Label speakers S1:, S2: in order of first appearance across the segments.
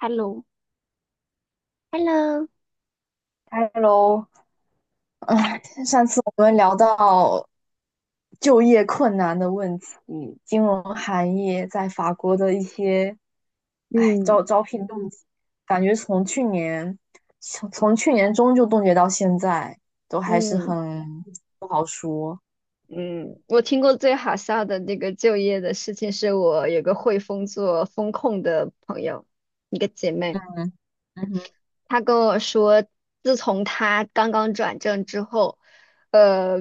S1: Hello，Hello，
S2: Hello，哎，上次我们聊到就业困难的问题，金融行业在法国的一些，哎，
S1: 嗯
S2: 招聘冻结，感觉从去年从去年中就冻结到现在，都还是
S1: 嗯
S2: 很不好说。
S1: 嗯。我听过最好笑的那个就业的事情，是我有个汇丰做风控的朋友，一个姐妹。
S2: 嗯，嗯哼，
S1: 她跟我说，自从她刚刚转正之后，呃，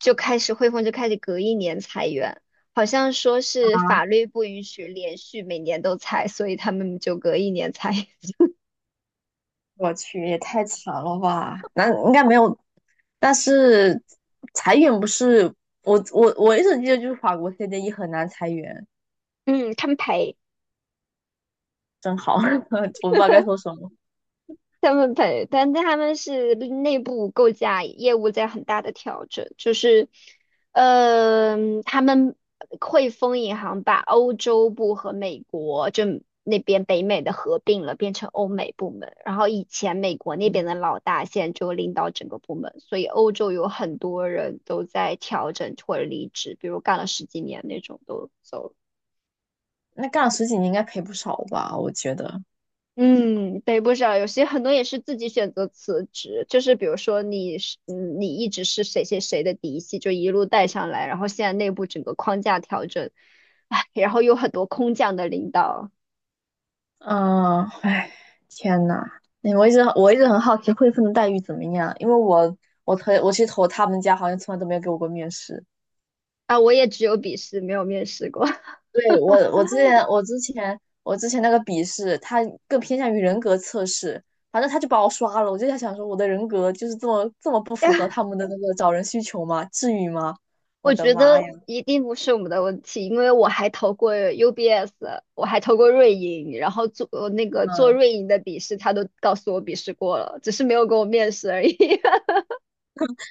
S1: 就开始汇丰就开始隔一年裁员，好像说是法律不允许连续每年都裁，所以他们就隔一年裁。
S2: 我去，也太惨了吧？那应该没有，但是裁员不是。我一直记得就是法国 CDE 很难裁员。
S1: 嗯，他们赔。
S2: 真好，我不知道该说什么。
S1: 他们配，但他们是内部构架业务在很大的调整，就是，他们汇丰银行把欧洲部和美国就那边北美的合并了，变成欧美部门。然后以前美国那边
S2: 嗯，
S1: 的老大现在就领导整个部门，所以欧洲有很多人都在调整或者离职，比如干了十几年那种都走了。
S2: 那干了十几年应该赔不少吧？我觉得，
S1: 嗯，对，不少，有些很多也是自己选择辞职，就是比如说你是，你一直是谁谁谁的嫡系，就一路带上来，然后现在内部整个框架调整，唉，然后有很多空降的领导。
S2: 嗯，哎，天呐，哎，我一直很好奇汇丰的待遇怎么样，因为我我去投他们家，好像从来都没有给我过面试。
S1: 啊，我也只有笔试，没有面试过，
S2: 对，我之前那个笔试，它更偏向于人格测试，反正他就把我刷了。我就在想说，我的人格就是这么不符合
S1: 但
S2: 他们的那个找人需求吗？至于吗？我
S1: 我
S2: 的
S1: 觉
S2: 妈
S1: 得
S2: 呀！
S1: 一定不是我们的问题，因为我还投过 UBS，我还投过瑞银，然后做
S2: 嗯。
S1: 瑞银的笔试，他都告诉我笔试过了，只是没有给我面试而已。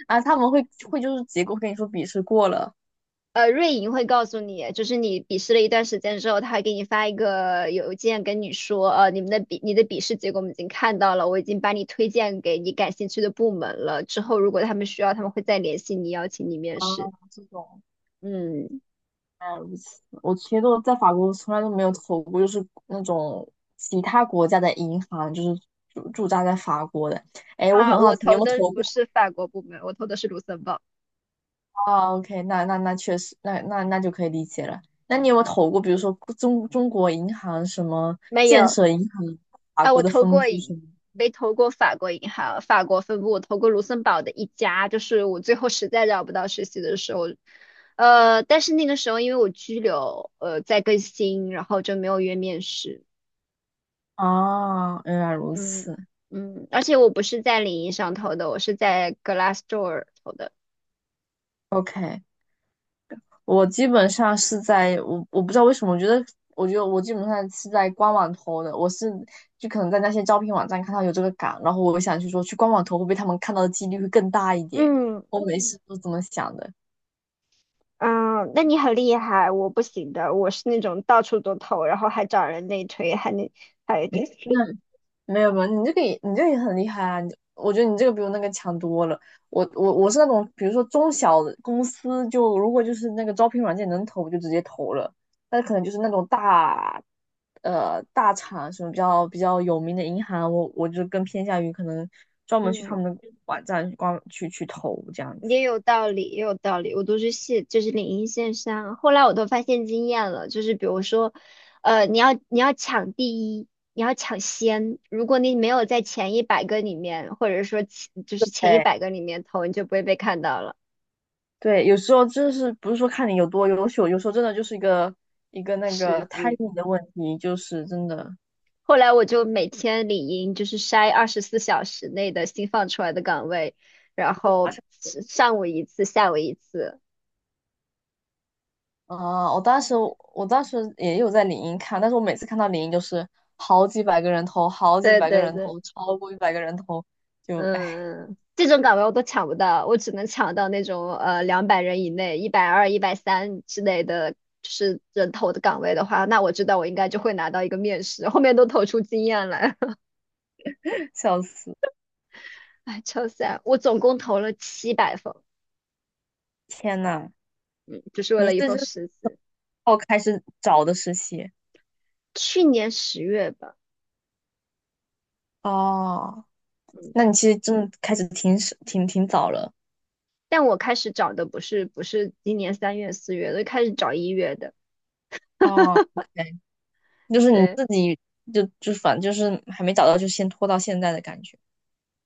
S2: 啊，他们会就是结果会跟你说笔试过了。
S1: 瑞银会告诉你，就是你笔试了一段时间之后，他会给你发一个邮件跟你说，你的笔试结果我们已经看到了，我已经把你推荐给你感兴趣的部门了。之后如果他们需要，他们会再联系你，邀请你面
S2: 啊，
S1: 试。
S2: 这种，
S1: 嗯。
S2: 原来如此，我其实都在法国从来都没有投过，就是那种其他国家的银行，就是驻扎在法国的。哎，我
S1: 啊，
S2: 很好
S1: 我
S2: 奇，你有
S1: 投
S2: 没有
S1: 的
S2: 投
S1: 不
S2: 过？
S1: 是法国部门，我投的是卢森堡。
S2: 啊？OK,那确实，那就可以理解了。那你有没有投过，比如说中国银行什么
S1: 没
S2: 建
S1: 有。
S2: 设银行法
S1: 啊，
S2: 国
S1: 我
S2: 的
S1: 投
S2: 分
S1: 过
S2: 部什
S1: 一
S2: 么？
S1: 没投过法国银行法国分部，我投过卢森堡的一家，就是我最后实在找不到实习的时候，但是那个时候因为我居留，在更新，然后就没有约面试。
S2: 啊，原来如
S1: 嗯
S2: 此。
S1: 嗯。而且我不是在领英上投的，我是在 Glassdoor 投的。
S2: OK,我基本上是在我不知道为什么，我觉得我基本上是在官网投的，我是就可能在那些招聘网站看到有这个岗，然后我想去说去官网投会不会他们看到的几率会更大一点，
S1: 嗯
S2: 我每次都这么想的。
S1: 嗯，那你很厉害，我不行的，我是那种到处都投，然后还找人内推，还那还
S2: 没有没有，你这个也很厉害啊！你我觉得你这个比我那个强多了。我是那种，比如说中小的公司就，如果就是那个招聘软件能投，我就直接投了。但是可能就是那种大，大厂什么比较有名的银行，我就更偏向于可能专门去他
S1: 嗯，
S2: 们的网站去光去去投这样子。
S1: 也有道理，也有道理。我都是线，就是领英线上，后来我都发现经验了，就是比如说，你要抢第一，你要抢先。如果你没有在前一百个里面，或者说前就是前一
S2: 对，
S1: 百个里面投，你就不会被看到了。
S2: 对，有时候就是不是说看你有多优秀，有时候真的就是一个那
S1: 实
S2: 个
S1: 际，
S2: timing 的问题，就是真的。
S1: 后来我就每天领英，就是筛24小时内的新放出来的岗位，然后上午一次，下午一次。
S2: 啊，我当时也有在领英看，但是我每次看到领英就是好几百个人头，好几
S1: 对
S2: 百个
S1: 对
S2: 人
S1: 对。
S2: 头，超过一百个人头，就唉，
S1: 嗯，这种岗位我都抢不到，我只能抢到那种200人以内、120、130之类的，就是人头的岗位的话，那我知道我应该就会拿到一个面试，后面都投出经验来。
S2: 笑死！
S1: 哎，超 s a 我总共投了700封。
S2: 天呐，
S1: 嗯，就是为
S2: 你
S1: 了一
S2: 是
S1: 封
S2: 就，
S1: 实习，
S2: 哦，开始找的实习。
S1: 去年10月吧。
S2: 哦？
S1: 嗯，
S2: 那你其实真的开始挺挺早了。
S1: 但我开始找的不是不是今年3月4月的，开始找1月的。
S2: 哦。OK,就是你
S1: 对。
S2: 自己就反正就是还没找到，就先拖到现在的感觉。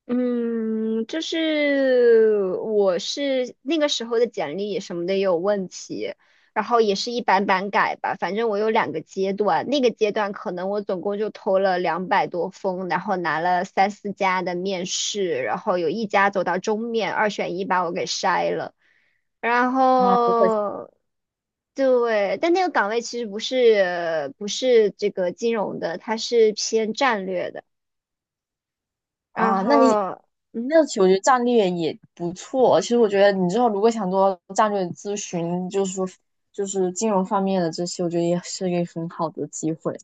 S1: 嗯，就是我是那个时候的简历什么的也有问题，然后也是一版版改吧。反正我有两个阶段，那个阶段可能我总共就投了200多封，然后拿了三四家的面试，然后有一家走到终面，二选一把我给筛了。然
S2: 啊，不会。
S1: 后，对，但那个岗位其实不是不是这个金融的，它是偏战略的。然
S2: 啊，
S1: 后。嗯，
S2: 那其实我觉得战略也不错。其实我觉得你之后如果想做战略咨询，就是说金融方面的这些，我觉得也是一个很好的机会。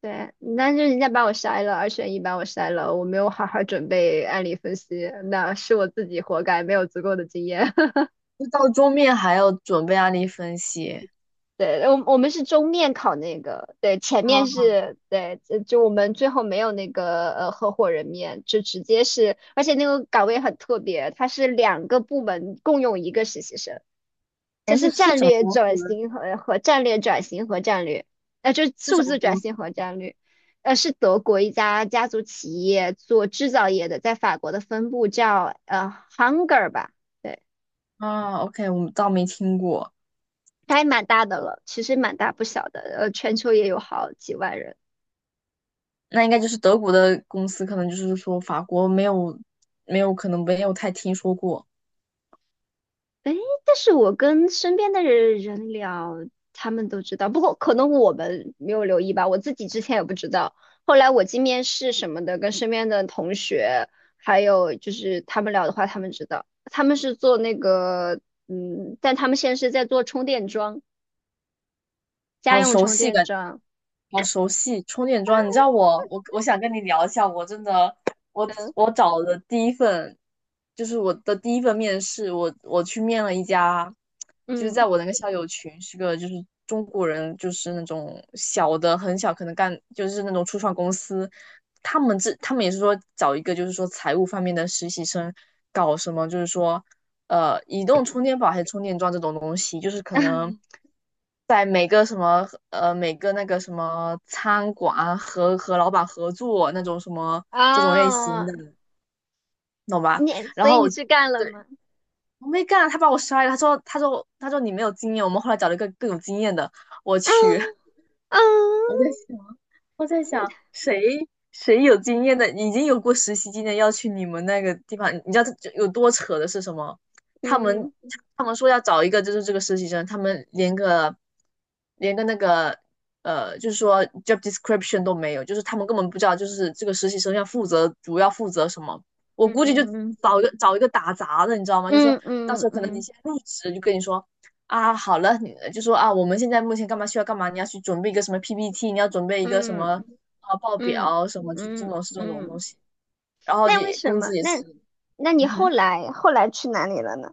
S1: 对，但是人家把我筛了，二选一把我筛了，我没有好好准备案例分析，那是我自己活该，没有足够的经验。
S2: 就到桌面还要准备案例分析。
S1: 对，我们是终面考那个，对，前面
S2: 啊，
S1: 是对，就我们最后没有那个合伙人面，就直接是，而且那个岗位很特别，它是两个部门共用一个实习生。这
S2: 哎，这
S1: 是
S2: 是
S1: 战
S2: 什么
S1: 略
S2: 公
S1: 转
S2: 司？
S1: 型和战略转型和战略。就是
S2: 是
S1: 数
S2: 什么
S1: 字转
S2: 公司？
S1: 型和战略。是德国一家家族企业做制造业的，在法国的分部叫Hunger 吧。对，
S2: 啊。OK,我倒没听过，
S1: 它还蛮大的了，其实蛮大不小的，全球也有好几万人。
S2: 那应该就是德国的公司，可能就是说法国没有可能没有太听说过，
S1: 哎，但是我跟身边的人聊，他们都知道，不过可能我们没有留意吧，我自己之前也不知道。后来我进面试什么的，跟身边的同学，还有就是他们聊的话，他们知道，他们是做那个，嗯，但他们现在是在做充电桩，家
S2: 好
S1: 用
S2: 熟
S1: 充
S2: 悉
S1: 电
S2: 感。
S1: 桩。
S2: 好熟悉充电桩，你知道我想跟你聊一下，我真的我我找的第一份，就是我的第一份面试，我去面了一家，就是在
S1: 嗯，
S2: 我那个校友群是个就是中国人，就是那种小的很小，可能干就是那种初创公司，他们也是说找一个就是说财务方面的实习生，搞什么就是说移动充电宝还是充电桩这种东西，就是可能 在每个什么每个那个什么餐馆啊和老板合作那种什么这种类型
S1: 啊，
S2: 的，懂吧？然
S1: 所以
S2: 后
S1: 你
S2: 我就
S1: 去干了吗？
S2: 我没干，他把我摔了，他说你没有经验，我们后来找了一个更有经验的，我
S1: 啊
S2: 去。
S1: 啊，
S2: 我在想，我在想谁有经验的，已经有过实习经验，要去你们那个地方，你知道这有多扯的是什么？他们
S1: 嗯
S2: 他们说要找一个就是这个实习生，他们连个那个，就是说 job description 都没有，就是他们根本不知道就是这个实习生要负责主要负责什么。我
S1: 嗯
S2: 估计就
S1: 嗯
S2: 找一个打杂的，你知道吗？就说
S1: 嗯
S2: 到
S1: 嗯
S2: 时
S1: 嗯
S2: 候可能你
S1: 嗯。
S2: 先入职，就跟你说啊，好了，你就说啊，我们现在目前干嘛需要干嘛，你要去准备一个什么 PPT,你要准备一个什
S1: 嗯
S2: 么啊报
S1: 嗯
S2: 表什么，就这
S1: 嗯
S2: 种是这种
S1: 嗯
S2: 东
S1: 嗯，
S2: 西。然后就
S1: 那为什
S2: 工
S1: 么？
S2: 资也
S1: 那
S2: 是，
S1: 那你
S2: 嗯
S1: 后
S2: 哼，
S1: 来后来去哪里了呢？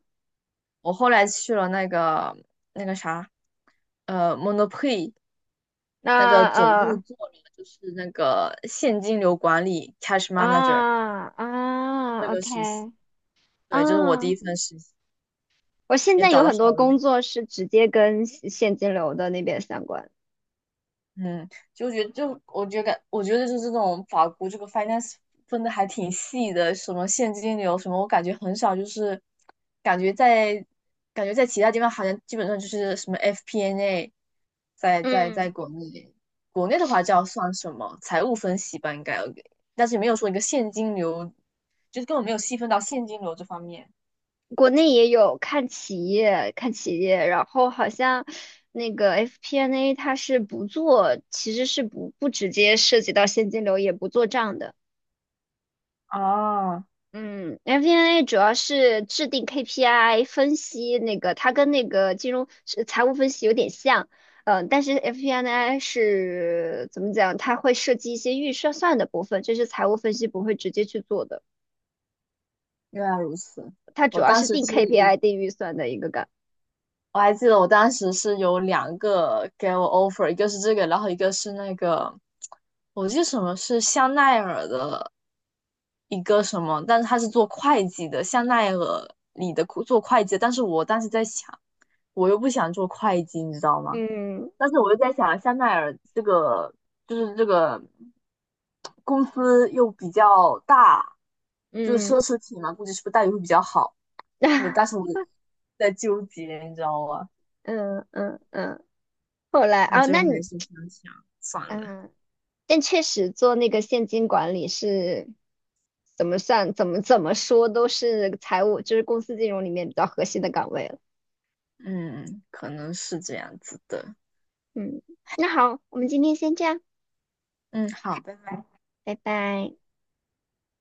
S2: 我后来去了那个啥，Monoprix 那个
S1: 啊
S2: 总部做了就是那个现金流管理 Cash Manager
S1: 啊
S2: 这
S1: 啊
S2: 个实习，
S1: ，OK
S2: 对，这是我第一
S1: 啊，
S2: 份实习，
S1: 我现
S2: 也
S1: 在
S2: 找
S1: 有
S2: 的
S1: 很多
S2: 好
S1: 工
S2: 累。
S1: 作是直接跟现现金流的那边相关。
S2: 嗯，就觉得就我觉得就是这种法国这个 finance 分的还挺细的，什么现金流什么，我感觉很少，就是感觉在感觉在其他地方好像基本上就是什么 FP&A，n 在在在
S1: 嗯，
S2: 国内的话叫算什么财务分析吧，应该，但是没有说一个现金流，就是根本没有细分到现金流这方面。
S1: 国内也有看企业，看企业，然后好像那个 FP&A n 它是不做，其实是不不直接涉及到现金流，也不做账的。
S2: 啊，
S1: 嗯，FP&A 主要是制定 KPI，分析那个它跟那个金融是财务分析有点像。嗯、但是 FP&A 是怎么讲？它会涉及一些预算算的部分，这是财务分析不会直接去做的。
S2: 原来如此。
S1: 它主
S2: 我
S1: 要
S2: 当
S1: 是
S2: 时
S1: 定
S2: 是
S1: KPI、定预算的一个岗。
S2: 我还记得我当时是有两个给我 offer,一个是这个，然后一个是那个，我记得什么是香奈儿的一个什么，但是他是做会计的，香奈儿里的做会计的，但是我当时在想，我又不想做会计，你知道吗？
S1: 嗯
S2: 但是我又在想，香奈儿这个这个公司又比较大，就是
S1: 嗯
S2: 奢侈品嘛，估计是不是待遇会比较好？那当时我 在纠结，你知道吗？
S1: 嗯嗯嗯，后来
S2: 那
S1: 啊、
S2: 最后
S1: 那
S2: 还
S1: 你
S2: 是想想算了。
S1: 嗯。但确实做那个现金管理是怎么算、怎么说都是财务，就是公司金融里面比较核心的岗位了。
S2: 嗯，可能是这样子的。
S1: 嗯，那好，我们今天先这样，
S2: 嗯，好，拜拜。
S1: 拜拜。